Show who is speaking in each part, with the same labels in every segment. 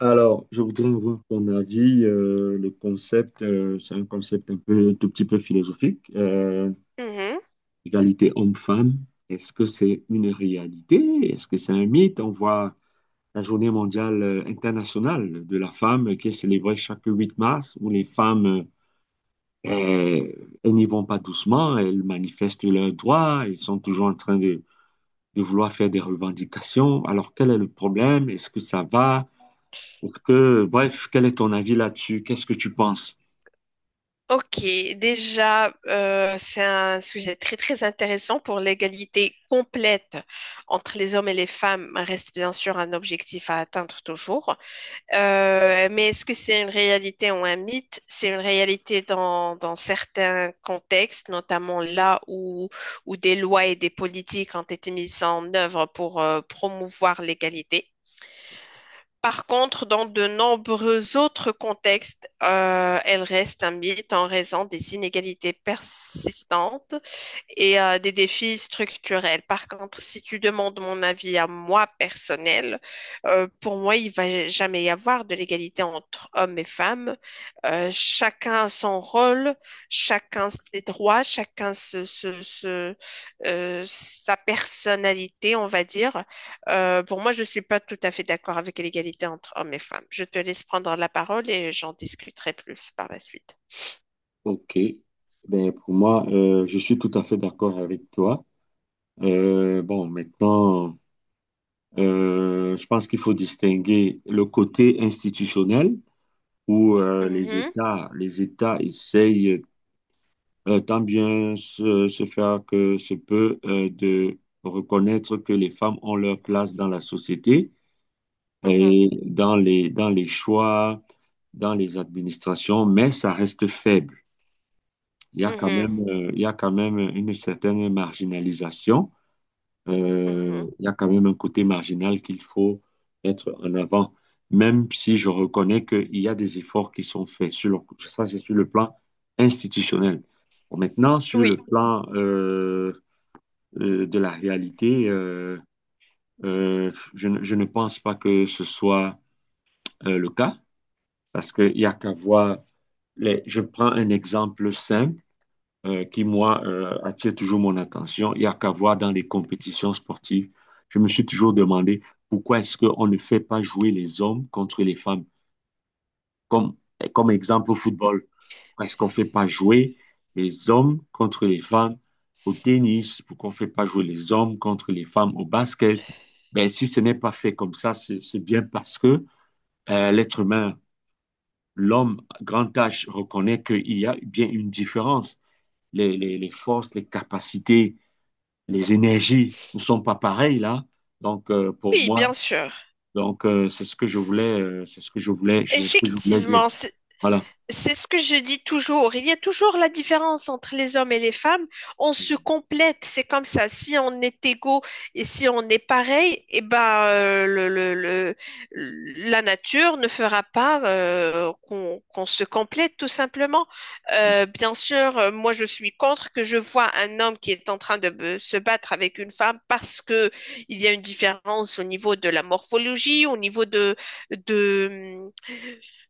Speaker 1: Alors, je voudrais avoir ton avis. Le concept, c'est un concept un peu, un tout petit peu philosophique.
Speaker 2: Mhm.
Speaker 1: Égalité homme-femme, est-ce que c'est une réalité? Est-ce que c'est un mythe? On voit la journée mondiale internationale de la femme qui est célébrée chaque 8 mars, où les femmes, euh, elles n'y vont pas doucement, elles manifestent leurs droits, elles sont toujours en train de vouloir faire des revendications. Alors, quel est le problème? Est-ce que ça va? Est-ce que, bref, quel est ton avis là-dessus? Qu'est-ce que tu penses?
Speaker 2: Ok, déjà, c'est un sujet très très intéressant pour l'égalité complète entre les hommes et les femmes reste bien sûr un objectif à atteindre toujours. Mais est-ce que c'est une réalité ou un mythe? C'est une réalité dans certains contextes, notamment là où des lois et des politiques ont été mises en œuvre pour promouvoir l'égalité. Par contre, dans de nombreux autres contextes, elle reste un mythe en raison des inégalités persistantes et des défis structurels. Par contre, si tu demandes mon avis à moi personnel, pour moi, il va jamais y avoir de l'égalité entre hommes et femmes. Chacun a son rôle, chacun ses droits, chacun sa personnalité, on va dire. Pour moi, je ne suis pas tout à fait d'accord avec l'égalité entre hommes et femmes. Je te laisse prendre la parole et j'en discuterai plus par la suite.
Speaker 1: Ok. Ben, pour moi, je suis tout à fait d'accord avec toi. Bon, maintenant, je pense qu'il faut distinguer le côté institutionnel où
Speaker 2: Mhm,
Speaker 1: Les États essayent tant bien se faire que se peut de reconnaître que les femmes ont leur place dans la société
Speaker 2: mhm,
Speaker 1: et dans les choix, dans les administrations, mais ça reste faible. Il y a quand
Speaker 2: mhm,
Speaker 1: même, il y a quand même une certaine marginalisation.
Speaker 2: mhm.
Speaker 1: Il y a quand même un côté marginal qu'il faut mettre en avant, même si je reconnais qu'il y a des efforts qui sont faits. Ça, c'est sur le plan institutionnel. Bon, maintenant, sur le
Speaker 2: Oui,
Speaker 1: plan de la réalité, je ne pense pas que ce soit le cas. Parce qu'il n'y a qu'à voir, les... je prends un exemple simple qui, moi, attire toujours mon attention. Il n'y a qu'à voir dans les compétitions sportives. Je me suis toujours demandé pourquoi est-ce qu'on ne fait pas jouer les hommes contre les femmes. Comme, comme exemple au football, pourquoi est-ce qu'on ne fait pas jouer les hommes contre les femmes au tennis? Pourquoi on ne fait pas jouer les hommes contre les femmes au basket? Ben, si ce n'est pas fait comme ça, c'est bien parce que l'être humain l'homme grand H reconnaît qu'il y a bien une différence. Les forces, les capacités, les énergies ne sont pas pareilles là. Donc pour
Speaker 2: oui,
Speaker 1: moi,
Speaker 2: bien sûr.
Speaker 1: donc c'est ce que je voulais, c'est ce que je voulais dire.
Speaker 2: Effectivement, c'est
Speaker 1: Voilà.
Speaker 2: C'est ce que je dis toujours. Il y a toujours la différence entre les hommes et les femmes. On se complète, c'est comme ça. Si on est égaux et si on est pareil, eh ben, la nature ne fera pas qu'on se complète, tout simplement. Bien sûr, moi, je suis contre que je vois un homme qui est en train de se battre avec une femme parce que il y a une différence au niveau de la morphologie, au niveau de,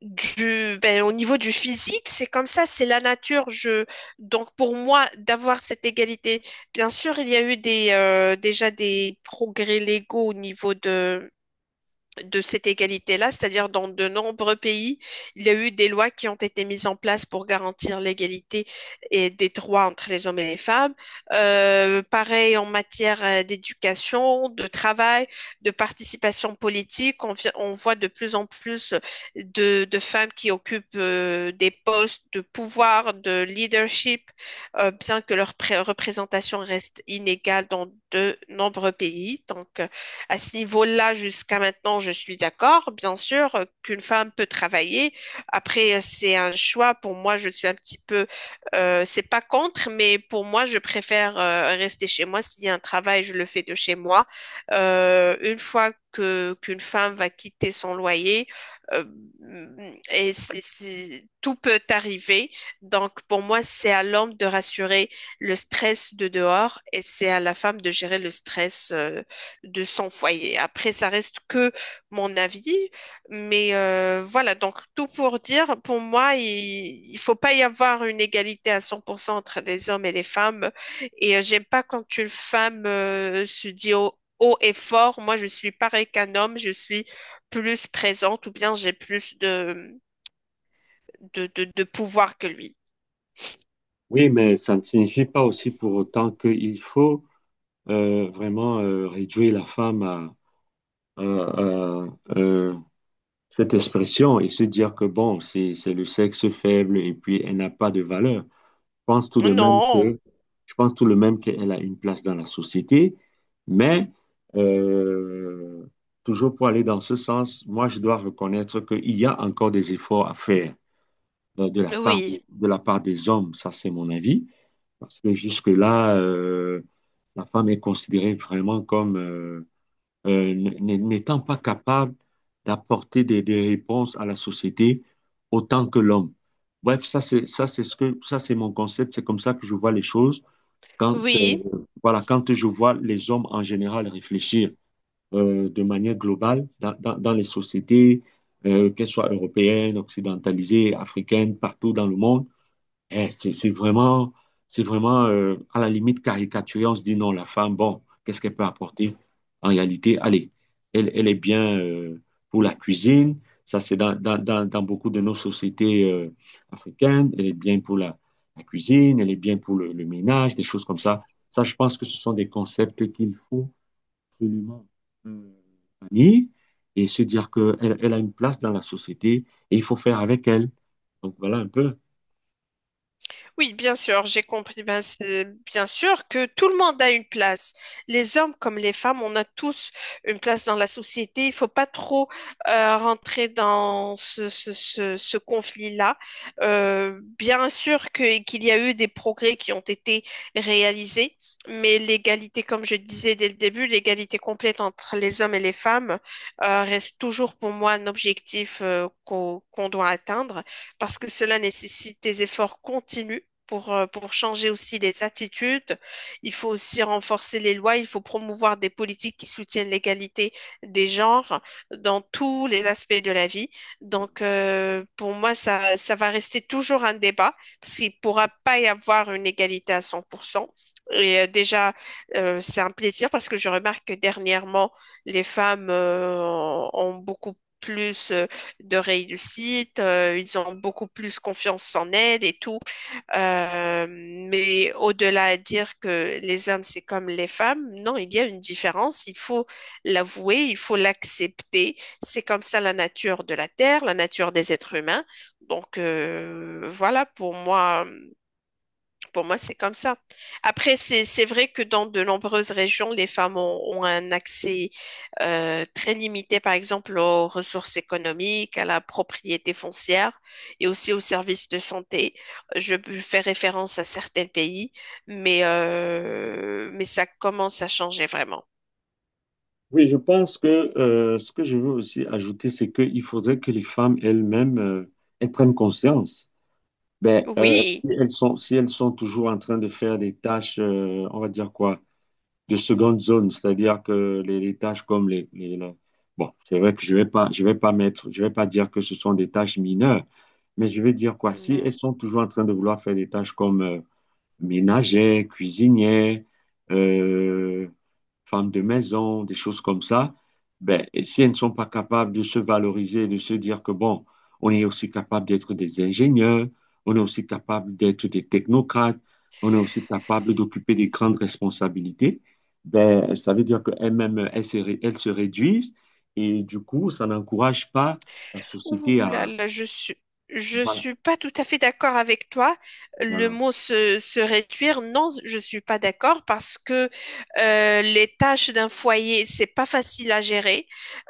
Speaker 2: du, ben, au niveau du physique, c'est comme ça, c'est la nature. Donc pour moi, d'avoir cette égalité, bien sûr, il y a eu déjà des progrès légaux au niveau de cette égalité-là, c'est-à-dire dans de nombreux pays, il y a eu des lois qui ont été mises en place pour garantir l'égalité et des droits entre les hommes et les femmes. Pareil en matière d'éducation, de travail, de participation politique, on voit de plus en plus de femmes qui occupent des postes de pouvoir, de leadership, bien que leur représentation reste inégale dans de nombreux pays. Donc, à ce niveau-là, jusqu'à maintenant, je suis d'accord. Bien sûr qu'une femme peut travailler. Après, c'est un choix. Pour moi, je suis un petit peu, c'est pas contre, mais pour moi, je préfère rester chez moi. S'il y a un travail, je le fais de chez moi. Une fois que qu'une femme va quitter son loyer, euh, et tout peut arriver. Donc, pour moi, c'est à l'homme de rassurer le stress de dehors et c'est à la femme de gérer le stress. De son foyer. Après, ça reste que mon avis, mais voilà, donc tout pour dire, pour moi, il ne faut pas y avoir une égalité à 100% entre les hommes et les femmes. Et j'aime pas quand une femme se dit haut, haut et fort, moi je suis pareil qu'un homme, je suis plus présente ou bien j'ai plus de pouvoir que lui.
Speaker 1: Oui, mais ça ne signifie pas aussi pour autant qu'il faut vraiment réduire la femme à euh, cette expression et se dire que bon, c'est le sexe faible et puis elle n'a pas de valeur. Pense tout de même
Speaker 2: Non,
Speaker 1: que, je pense tout de même qu'elle a une place dans la société, mais euh, toujours pour aller dans ce sens, moi, je dois reconnaître qu'il y a encore des efforts à faire euh, de la part,
Speaker 2: oui,
Speaker 1: de la part des hommes, ça c'est mon avis, parce que jusque-là, la femme est considérée vraiment comme... n'étant pas capable d'apporter des réponses à la société autant que l'homme. Bref, ça c'est mon concept, c'est comme ça que je vois les choses quand
Speaker 2: oui.
Speaker 1: voilà quand je vois les hommes en général réfléchir de manière globale dans les sociétés qu'elles soient européennes, occidentalisées, africaines, partout dans le monde. Eh, c'est vraiment, c'est vraiment à la limite caricaturé. On se dit non, la femme, bon, qu'est-ce qu'elle peut apporter? En réalité, allez, elle, elle est bien pour la cuisine. Ça, c'est dans beaucoup de nos sociétés africaines. Elle est bien pour la, la cuisine, elle est bien pour le ménage, des choses comme ça. Ça, je pense que ce sont des concepts qu'il faut absolument euh, bannir et se dire qu'elle elle elle a une place dans la société et il faut faire avec elle. Donc, voilà un peu.
Speaker 2: Oui, bien sûr, j'ai compris. Ben, c'est bien sûr que tout le monde a une place. Les hommes comme les femmes, on a tous une place dans la société. Il faut pas trop rentrer dans ce conflit-là. Bien sûr que, qu'il y a eu des progrès qui ont été réalisés, mais l'égalité, comme je disais dès le début, l'égalité complète entre les hommes et les femmes reste toujours pour moi un objectif qu'on doit atteindre parce que cela nécessite des efforts continus pour changer aussi les attitudes. Il faut aussi renforcer les lois, il faut promouvoir des politiques qui soutiennent l'égalité des genres dans tous les aspects de la vie. Donc, pour moi, ça va rester toujours un débat parce qu'il ne pourra pas y avoir une égalité à 100%. Et déjà, c'est un plaisir parce que je remarque que dernièrement, les femmes ont beaucoup plus de réussite, ils ont beaucoup plus confiance en elles et tout. Euh, mais au-delà à dire que les hommes, c'est comme les femmes, non, il y a une différence. Il faut l'avouer, il faut l'accepter. C'est comme ça la nature de la Terre, la nature des êtres humains. Donc, voilà, pour moi, c'est comme ça. Après, c'est vrai que dans de nombreuses régions, les femmes ont un accès très limité, par exemple, aux ressources économiques, à la propriété foncière et aussi aux services de santé. Je fais référence à certains pays, mais ça commence à changer vraiment.
Speaker 1: Oui, je pense que ce que je veux aussi ajouter, c'est qu'il faudrait que les femmes elles-mêmes elles prennent conscience. Ben,
Speaker 2: Oui.
Speaker 1: si elles sont, si elles sont toujours en train de faire des tâches, on va dire quoi, de seconde zone, c'est-à-dire que les tâches comme les, Bon, c'est vrai que je vais pas mettre, je vais pas dire que ce sont des tâches mineures, mais je vais dire quoi, si elles
Speaker 2: Mhm.
Speaker 1: sont toujours en train de vouloir faire des tâches comme ménagère, cuisinière, euh, femme de maison, des choses comme ça, ben, et si elles ne sont pas capables de se valoriser, de se dire que bon, on est aussi capable d'être des ingénieurs, on est aussi capable d'être des technocrates, on est aussi capable d'occuper des grandes responsabilités, ben, ça veut dire qu'elles-mêmes, elles se réduisent et du coup, ça n'encourage pas la
Speaker 2: Ouh
Speaker 1: société
Speaker 2: là
Speaker 1: à...
Speaker 2: là, je
Speaker 1: Voilà,
Speaker 2: suis pas tout à fait d'accord avec toi. Le
Speaker 1: voilà.
Speaker 2: mot se réduire, non, je suis pas d'accord parce que les tâches d'un foyer, c'est pas facile à gérer.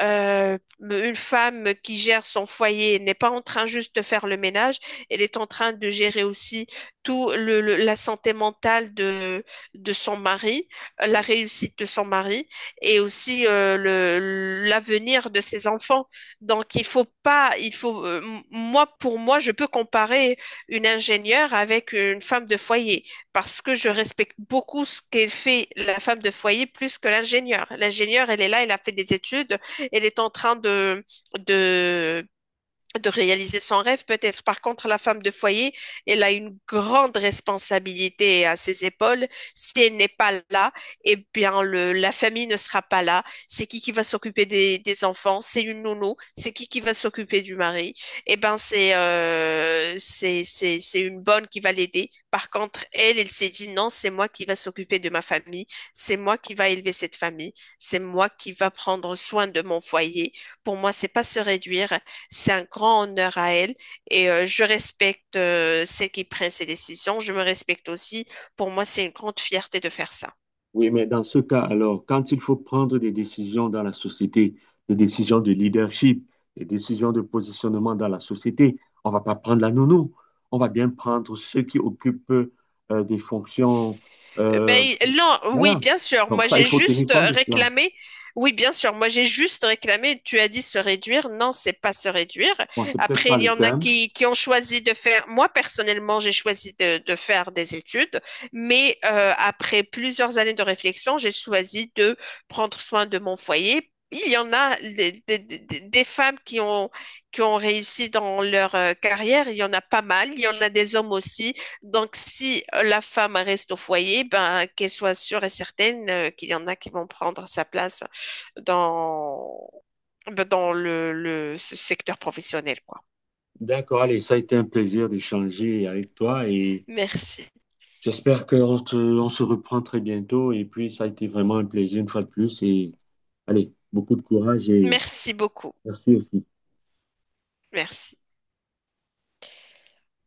Speaker 2: Une femme qui gère son foyer n'est pas en train juste de faire le ménage, elle est en train de gérer aussi tout la santé mentale de son mari, la réussite de son mari et aussi l'avenir de ses enfants. Donc, il faut pas, il faut, moi, pour moi, je peux comparer une ingénieure avec une femme de foyer parce que je respecte beaucoup ce qu'elle fait la femme de foyer plus que l'ingénieur. L'ingénieur, elle est là, elle a fait des études, elle est en train de, de réaliser son rêve, peut-être. Par contre, la femme de foyer, elle a une grande responsabilité à ses épaules. Si elle n'est pas là, eh bien, la famille ne sera pas là. C'est qui va s'occuper des enfants? C'est une nounou. C'est qui va s'occuper du mari? Eh ben, c'est c'est une bonne qui va l'aider. Par contre, elle, elle s'est dit non, c'est moi qui va s'occuper de ma famille. C'est moi qui va élever cette famille. C'est moi qui va prendre soin de mon foyer. Pour moi, c'est pas se réduire, c'est un grand honneur à elle et je respecte celle qui prend ses décisions. Je me respecte aussi. Pour moi, c'est une grande fierté de faire ça.
Speaker 1: Oui, mais dans ce cas, alors, quand il faut prendre des décisions dans la société, des décisions de leadership, des décisions de positionnement dans la société, on ne va pas prendre la nounou. On va bien prendre ceux qui occupent des fonctions. euh,
Speaker 2: Ben, non, oui,
Speaker 1: voilà.
Speaker 2: bien sûr.
Speaker 1: Donc,
Speaker 2: Moi,
Speaker 1: ça, il
Speaker 2: j'ai
Speaker 1: faut tenir
Speaker 2: juste
Speaker 1: compte de cela.
Speaker 2: réclamé. Oui, bien sûr. Moi, j'ai juste réclamé. Tu as dit se réduire. Non, c'est pas se réduire.
Speaker 1: Bon, c'est peut-être
Speaker 2: Après,
Speaker 1: pas
Speaker 2: il y
Speaker 1: le
Speaker 2: en a
Speaker 1: terme.
Speaker 2: qui ont choisi de faire. Moi, personnellement, j'ai choisi de faire des études. Mais après plusieurs années de réflexion, j'ai choisi de prendre soin de mon foyer. Il y en a des femmes qui ont réussi dans leur carrière. Il y en a pas mal. Il y en a des hommes aussi. Donc, si la femme reste au foyer, ben, qu'elle soit sûre et certaine qu'il y en a qui vont prendre sa place dans, ben, dans le ce secteur professionnel, quoi.
Speaker 1: D'accord, allez, ça a été un plaisir d'échanger avec toi et
Speaker 2: Merci.
Speaker 1: on se reprend très bientôt. Et puis, ça a été vraiment un plaisir une fois de plus. Et allez, beaucoup de courage et.
Speaker 2: Merci beaucoup.
Speaker 1: Merci aussi.
Speaker 2: Merci.